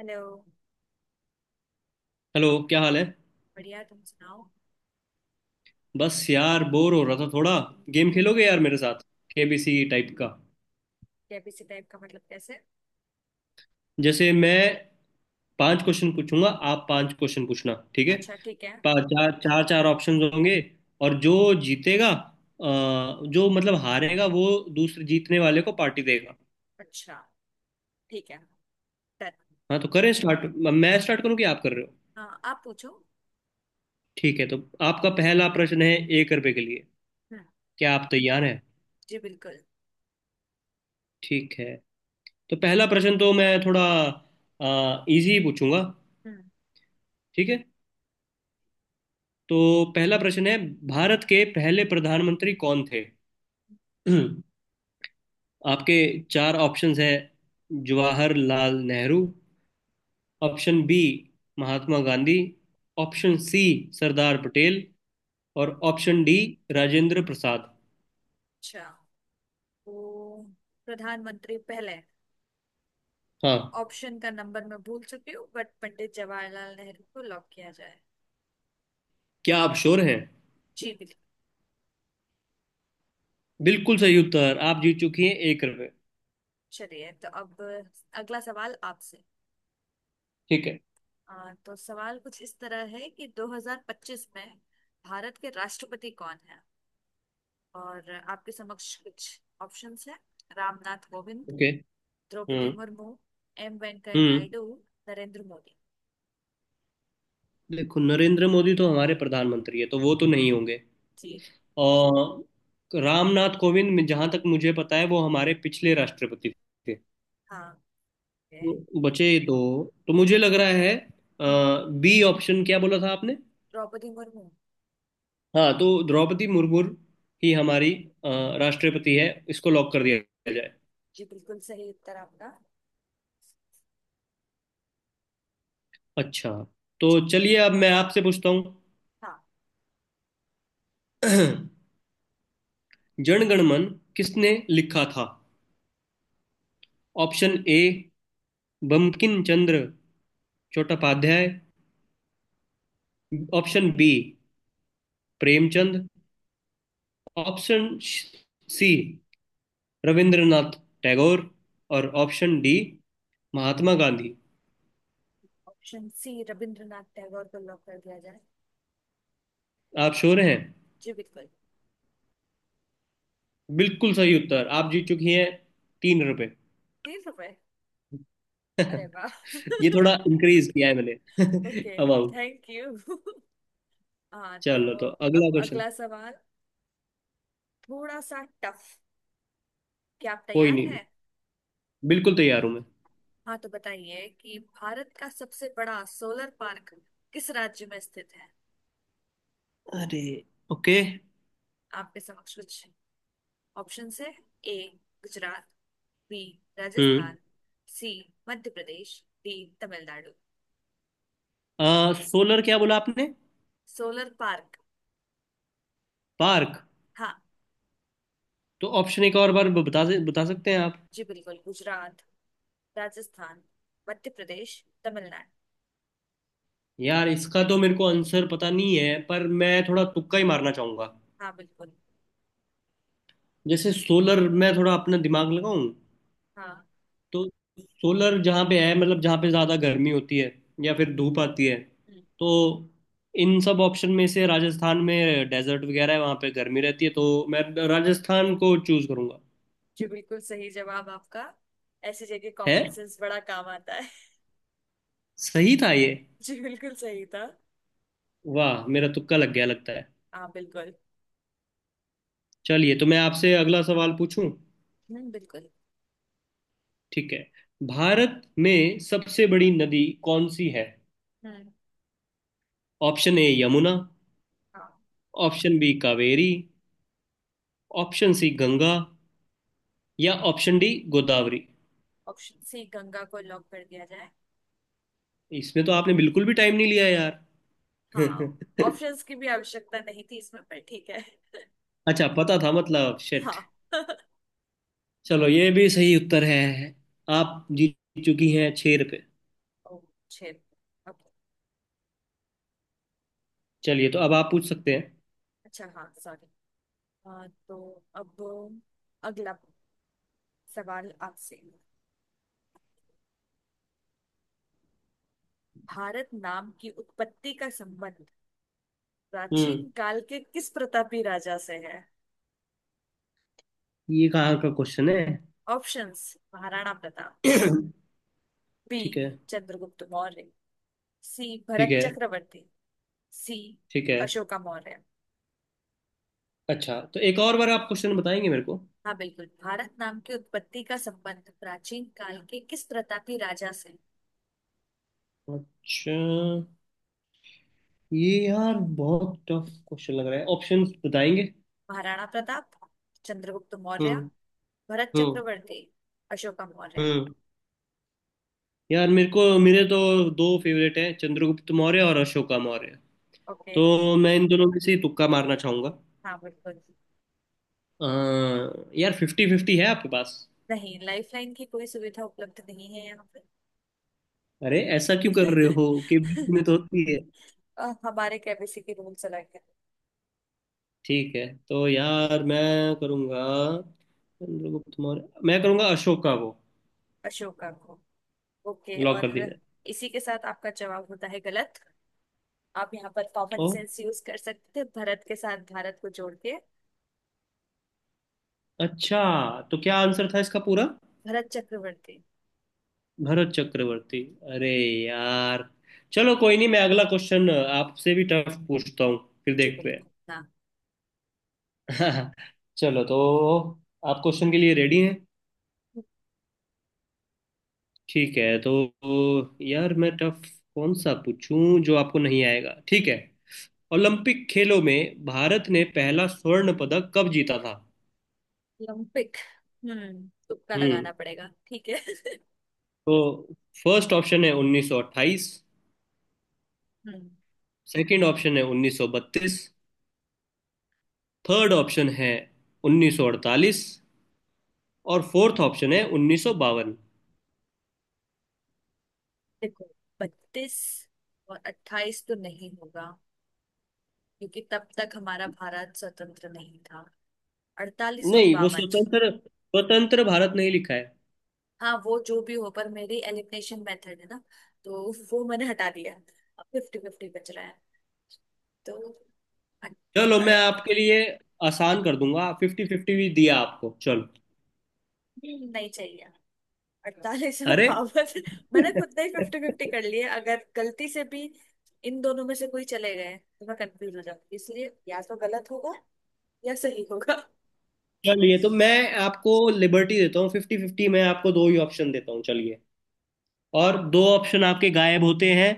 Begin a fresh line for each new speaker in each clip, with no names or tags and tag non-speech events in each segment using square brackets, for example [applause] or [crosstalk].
Hello.
Hello, क्या हाल है।
बढ़िया, तुम सुनाओ।
बस यार बोर हो रहा था थोड़ा। गेम
हम्म,
खेलोगे यार मेरे साथ? केबीसी टाइप का।
केबीसी टाइप का मतलब कैसे?
जैसे मैं पांच क्वेश्चन पूछूंगा, आप पांच क्वेश्चन पूछना, ठीक है।
अच्छा ठीक है।
पा- चार चार चार ऑप्शंस होंगे और जो जीतेगा जो मतलब हारेगा वो दूसरे जीतने वाले को पार्टी देगा।
अच्छा ठीक है। डन।
हाँ तो करें स्टार्ट। मैं स्टार्ट करूँ कि आप कर रहे हो?
हाँ, आप पूछो।
ठीक है तो आपका पहला प्रश्न है, 1 रुपए के लिए।
हम्म।
क्या आप तैयार हैं?
जी बिल्कुल।
ठीक है तो पहला प्रश्न तो मैं थोड़ा इजी पूछूंगा।
हम्म।
ठीक है। तो पहला प्रश्न है, भारत के पहले प्रधानमंत्री कौन थे? [clears throat] आपके चार ऑप्शंस है। Jawaharlal Nehru. Option B, Mahatma Gandhi. Option C, Sardar Patel. और ऑप्शन डी, राजेंद्र प्रसाद।
अच्छा, तो प्रधानमंत्री पहले,
हाँ।
ऑप्शन का नंबर मैं भूल चुकी हूँ बट पंडित जवाहरलाल नेहरू को लॉक किया जाए।
क्या आप श्योर हैं?
जी बिल्कुल।
बिल्कुल सही उत्तर। आप जीत चुकी हैं 1 रुपये।
चलिए, तो अब अगला सवाल आपसे।
ठीक है।
तो सवाल कुछ इस तरह है कि 2025 में भारत के राष्ट्रपति कौन है, और आपके समक्ष कुछ ऑप्शंस हैं। रामनाथ कोविंद,
ओके।
द्रौपदी
हम्म।
मुर्मू, एम वेंकैया
हम्म।
नायडू, नरेंद्र मोदी।
देखो, नरेंद्र मोदी तो हमारे प्रधानमंत्री है तो वो तो नहीं होंगे।
जी।
और रामनाथ कोविंद जहां तक मुझे पता है वो हमारे पिछले राष्ट्रपति थे।
हाँ ठीक है।
तो बचे दो। तो मुझे लग रहा है बी ऑप्शन। क्या बोला था आपने?
द्रौपदी मुर्मू।
हाँ तो द्रौपदी मुर्मू ही हमारी अ, राष्ट्रपति है। इसको लॉक कर दिया जाए।
जी बिल्कुल सही उत्तर आपका।
अच्छा। तो चलिए अब मैं आपसे पूछता हूँ।
हाँ।
[clears throat] जनगण मन किसने लिखा था? Option A, Bankim Chandra Chattopadhyay. Option B, Premchand. Option C, Rabindranath Tagore. और option D, Mahatma Gandhi.
Option C Rabindranath Tagore को लॉक कर दिया जाए।
आप श्योर हैं?
जी बिल्कुल।
बिल्कुल सही उत्तर। आप जीत चुकी हैं 3 रुपए।
30 रुपए? अरे
[laughs]
वाह
ये
[laughs]
थोड़ा इंक्रीज किया है मैंने। [laughs]
Okay,
amount.
थैंक यू [laughs] हाँ तो,
चलो तो अगला
अब
क्वेश्चन।
अगला सवाल, थोड़ा सा टफ। क्या आप
कोई
तैयार
नहीं,
हैं?
बिल्कुल तैयार हूं मैं।
हाँ तो बताइए कि भारत का सबसे बड़ा सोलर पार्क किस राज्य में स्थित है।
अरे, ओके।
आपके समक्ष कुछ ऑप्शन है। ए गुजरात, बी
हम्म।
Rajasthan, C Madhya Pradesh, D Tamil Nadu.
Solar क्या बोला आपने?
Solar park.
पार्क।
हाँ।
तो ऑप्शन एक और बार बता बता सकते हैं आप?
जी बिल्कुल, गुजरात, राजस्थान, मध्य प्रदेश, तमिलनाडु।
यार इसका तो मेरे को आंसर पता नहीं है पर मैं थोड़ा तुक्का ही मारना चाहूंगा।
हाँ बिल्कुल।
जैसे सोलर मैं थोड़ा अपना दिमाग लगाऊं।
हाँ।
तो सोलर जहाँ पे है मतलब जहाँ पे ज़्यादा गर्मी होती है या फिर धूप आती है।
हम्म,
तो इन सब ऑप्शन में से राजस्थान में डेजर्ट वगैरह है, वहाँ पे गर्मी रहती है तो मैं राजस्थान को चूज करूँगा।
जी बिल्कुल सही जवाब आपका। ऐसी जगह
है?
कॉमन सेंस बड़ा काम आता है।
सही था ये?
[laughs] जी बिल्कुल सही था।
वाह, मेरा तुक्का लग गया लगता है।
हाँ बिल्कुल।
चलिए तो मैं आपसे अगला सवाल पूछूं।
बिल्कुल।
ठीक है। भारत में सबसे बड़ी नदी कौन सी है?
हम्म।
Option A, Yamuna.
हाँ,
option B, Kaveri. Option C, Ganga. या option D, Godavari.
Option C Ganga को लॉक कर दिया जाए।
इसमें तो आपने बिल्कुल भी टाइम नहीं लिया
हाँ,
यार। [laughs]
ऑप्शंस की भी आवश्यकता नहीं थी इसमें, पर ठीक है।
अच्छा पता था, मतलब शिट।
हाँ [laughs]
चलो ये भी सही उत्तर है। आप जीत चुकी हैं 6 रुपये।
ओ, छेद? ओके।
चलिए तो अब आप पूछ सकते हैं।
अच्छा, हाँ सॉरी। तो अब अगला सवाल आपसे। भारत नाम की उत्पत्ति का संबंध प्राचीन
हम्म।
काल के किस प्रतापी राजा से है?
ये कहाँ का क्वेश्चन है?
ऑप्शंस, महाराणा प्रताप,
[coughs] [clears throat]
बी
ठीक है।
चंद्रगुप्त मौर्य, सी
ठीक
भरत
है।
चक्रवर्ती, सी
ठीक है।
अशोका मौर्य।
अच्छा तो एक और बार आप क्वेश्चन बताएंगे मेरे को?
हाँ बिल्कुल, भारत नाम की उत्पत्ति का संबंध प्राचीन काल के किस प्रतापी राजा से है?
अच्छा। ये यार बहुत टफ क्वेश्चन लग रहा है। ऑप्शंस बताएंगे?
महाराणा प्रताप, चंद्रगुप्त मौर्य,
हम्म।
भरत
हम्म।
चक्रवर्ती, अशोका मौर्य।
हम्म। यार मेरे तो दो फेवरेट हैं, चंद्रगुप्त मौर्य और अशोका मौर्य।
ओके।
तो मैं इन दोनों में से ही तुक्का मारना चाहूंगा।
हाँ बिल्कुल।
यार, फिफ्टी फिफ्टी है आपके पास?
नहीं, लाइफलाइन की कोई सुविधा उपलब्ध नहीं है यहाँ पे।
अरे ऐसा क्यों कर रहे हो?
[laughs]
केबीसी में तो होती है।
हमारे केबीसी के रूल्स अलग है।
ठीक है, तो यार मैं करूंगा। चंद्रगुप्त मौर्य मैं करूंगा, अशोक का वो।
अशोका को? ओके,
लॉक
और
कर दिया
इसी के साथ आपका जवाब होता है गलत। आप यहाँ पर कॉमन
जाए। ओ,
सेंस यूज कर सकते थे, भरत के साथ भारत को जोड़ के।
अच्छा। तो क्या आंसर था इसका पूरा?
भरत चक्रवर्ती।
भरत चक्रवर्ती। अरे यार, चलो कोई नहीं, मैं अगला क्वेश्चन आपसे भी टफ पूछता हूँ। फिर
जी
देखते
बिल्कुल। हाँ।
हैं। [laughs] चलो तो, आप क्वेश्चन के लिए रेडी हैं? ठीक है, तो यार मैं टफ कौन सा पूछूं जो आपको नहीं आएगा। ठीक है। ओलंपिक खेलों में भारत ने पहला स्वर्ण पदक कब जीता था?
ओलंपिक। हम्म, तुक्का
हम्म।
लगाना पड़ेगा ठीक है [laughs]
तो फर्स्ट ऑप्शन है 1928।
हम्म।
सेकंड ऑप्शन है 1932। थर्ड ऑप्शन है 1948। और फोर्थ ऑप्शन है 1952।
देखो, बत्तीस और अट्ठाईस तो नहीं होगा, क्योंकि तब तक हमारा भारत स्वतंत्र नहीं था। अड़तालीस और
नहीं, वो
बावन।
स्वतंत्र स्वतंत्र भारत नहीं लिखा है।
हाँ वो जो भी हो, पर मेरी एलिमिनेशन मेथड है ना, तो वो मैंने हटा दिया। अब फिफ्टी फिफ्टी बच रहा है। तो अड़-
चलो मैं
अड़-
आपके लिए आसान कर दूंगा, फिफ्टी फिफ्टी भी दिया आपको। चलो।
नहीं चाहिए। अड़तालीस और
अरे।
पावर [laughs] मैंने खुद ने ही
[laughs]
फिफ्टी फिफ्टी कर लिए। अगर गलती से भी इन दोनों में से कोई चले गए तो मैं कंफ्यूज हो जाऊंगी, इसलिए या तो गलत होगा या सही होगा।
चलिए तो मैं आपको लिबर्टी देता हूँ, फिफ्टी फिफ्टी मैं आपको दो ही ऑप्शन देता हूँ। चलिए, और दो ऑप्शन आपके गायब होते हैं।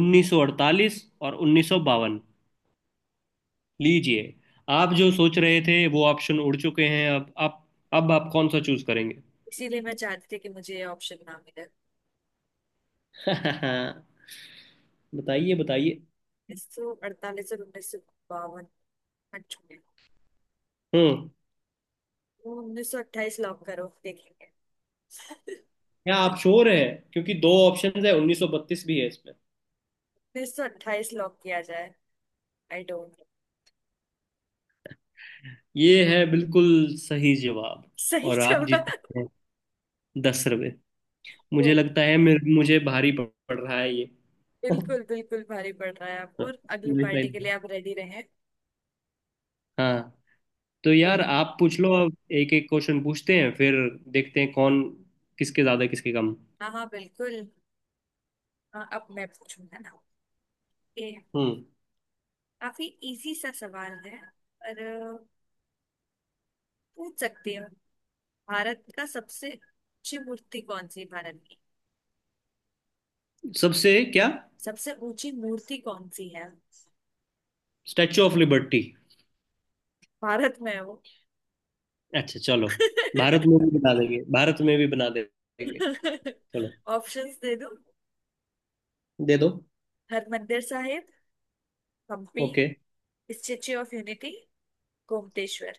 1948 और 1952। लीजिए, आप जो सोच रहे थे वो ऑप्शन उड़ चुके हैं। अब आप, अब आप कौन सा चूज करेंगे? [laughs]
इसीलिए मैं चाहती थी कि मुझे ये ऑप्शन ना मिले।
बताइए बताइए।
148 और 1952 छोड़े।
हम्म।
1928 लॉक करो, देखेंगे [laughs]
क्या आप श्योर है? क्योंकि दो ऑप्शन है, 1932 भी है इसमें।
1928 लॉक किया जाए। I don't.
ये है बिल्कुल सही जवाब,
सही
और आप
जवाब।
जीते हैं 10 रुपए।
ओ,
मुझे लगता है, मेरे मुझे भारी पड़ पड़ रहा है ये। [laughs]
बिल्कुल बिल्कुल भारी पड़ रहा है आपको, अगली पार्टी
लाइफ।
के लिए आप रेडी रहे।
हाँ, तो
तो
यार आप पूछ लो, अब एक एक क्वेश्चन पूछते हैं फिर देखते हैं कौन, किसके ज्यादा किसके कम।
हाँ हाँ बिल्कुल। हाँ, अब मैं पूछूंगा ना। ये
हम्म।
काफी इजी सा सवाल है पर पूछ सकती हो। भारत का सबसे ऊंची मूर्ति कौन सी है, भारत की।
सबसे क्या?
सबसे ऊंची मूर्ति कौन सी है।
Statue of Liberty.
भारत में है वो।
अच्छा चलो, भारत में भी बना देंगे, भारत में भी देंगे।
[laughs]
चलो
ऑप्शंस दे दो।
दे दो।
Harmandir Sahib, Hampi,
okay.
Statue of Unity, Gomateshwar.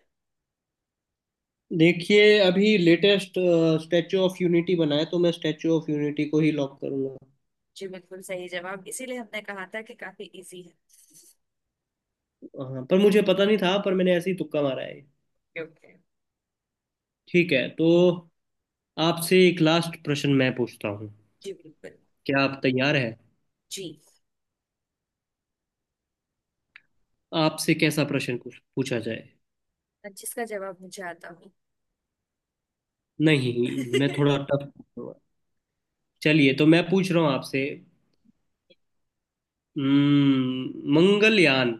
देखिए, अभी लेटेस्ट स्टैचू ऑफ यूनिटी बना है तो मैं स्टैचू ऑफ यूनिटी को ही लॉक करूंगा।
जी बिल्कुल सही जवाब, इसीलिए हमने कहा था कि काफी इजी है।
हाँ, पर मुझे पता नहीं था, पर मैंने ऐसे ही तुक्का मारा है।
ओके।
ठीक है, तो आपसे एक लास्ट प्रश्न मैं पूछता हूँ।
जी बिल्कुल।
क्या आप तैयार हैं?
जी।
आपसे कैसा प्रश्न कुछ पूछा जाए?
जिसका जवाब मुझे आता हो
नहीं, मैं थोड़ा
[laughs]
टफ पूछूंगा। चलिए तो मैं पूछ रहा हूँ आपसे। मंगलयान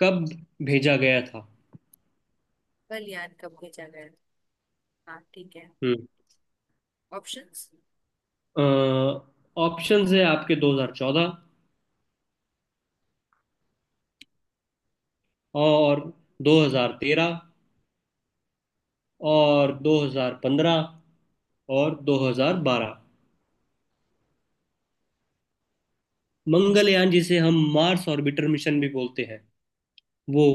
कब भेजा गया था?
बलियान कब भेजा गया? हाँ ठीक है।
हम्म।
ऑप्शंस।
ऑप्शंस है आपके, 2014, और 2013, और 2015, और 2012। मंगलयान, जिसे हम मार्स ऑर्बिटर मिशन भी बोलते हैं, वो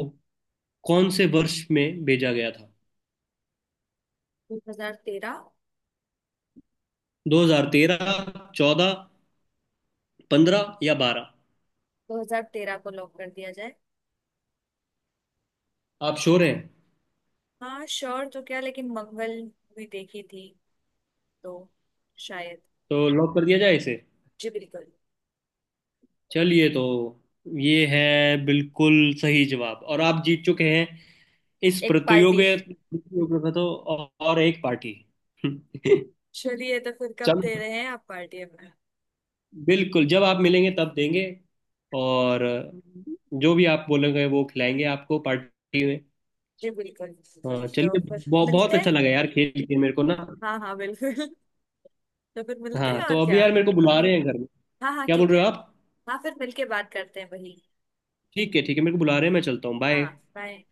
कौन से वर्ष में भेजा गया था?
2013।
2013, 14, 15 या 12?
2013 को लॉक कर दिया जाए।
आप श्योर हैं?
हाँ श्योर तो क्या, लेकिन मंगल भी देखी थी, तो शायद।
तो लॉक कर दिया जाए इसे।
जी बिल्कुल।
चलिए, तो ये है बिल्कुल सही जवाब, और आप जीत चुके हैं इस
एक पार्टी।
प्रतियोगिता प्रतियोगिता तो, और एक पार्टी। [laughs]
चलिए तो फिर कब दे
चलो,
रहे हैं आप पार्टी हमें?
बिल्कुल जब आप मिलेंगे तब देंगे। और जो भी आप बोलेंगे वो खिलाएंगे आपको पार्टी में।
जी बिल्कुल बिल्कुल,
हाँ
तो
चलिए।
फिर मिलते
बहुत अच्छा
हैं।
लगा यार खेल के मेरे को ना।
हाँ हाँ बिल्कुल। तो फिर मिलते
हाँ,
हैं और
तो अभी
क्या।
यार मेरे को बुला रहे हैं घर में।
हाँ हाँ
क्या बोल
ठीक
रहे
है।
हो आप?
हाँ, फिर मिलके बात करते हैं वही।
ठीक है, ठीक है, मेरे को बुला रहे हैं, मैं चलता हूँ, बाय।
हाँ बाय।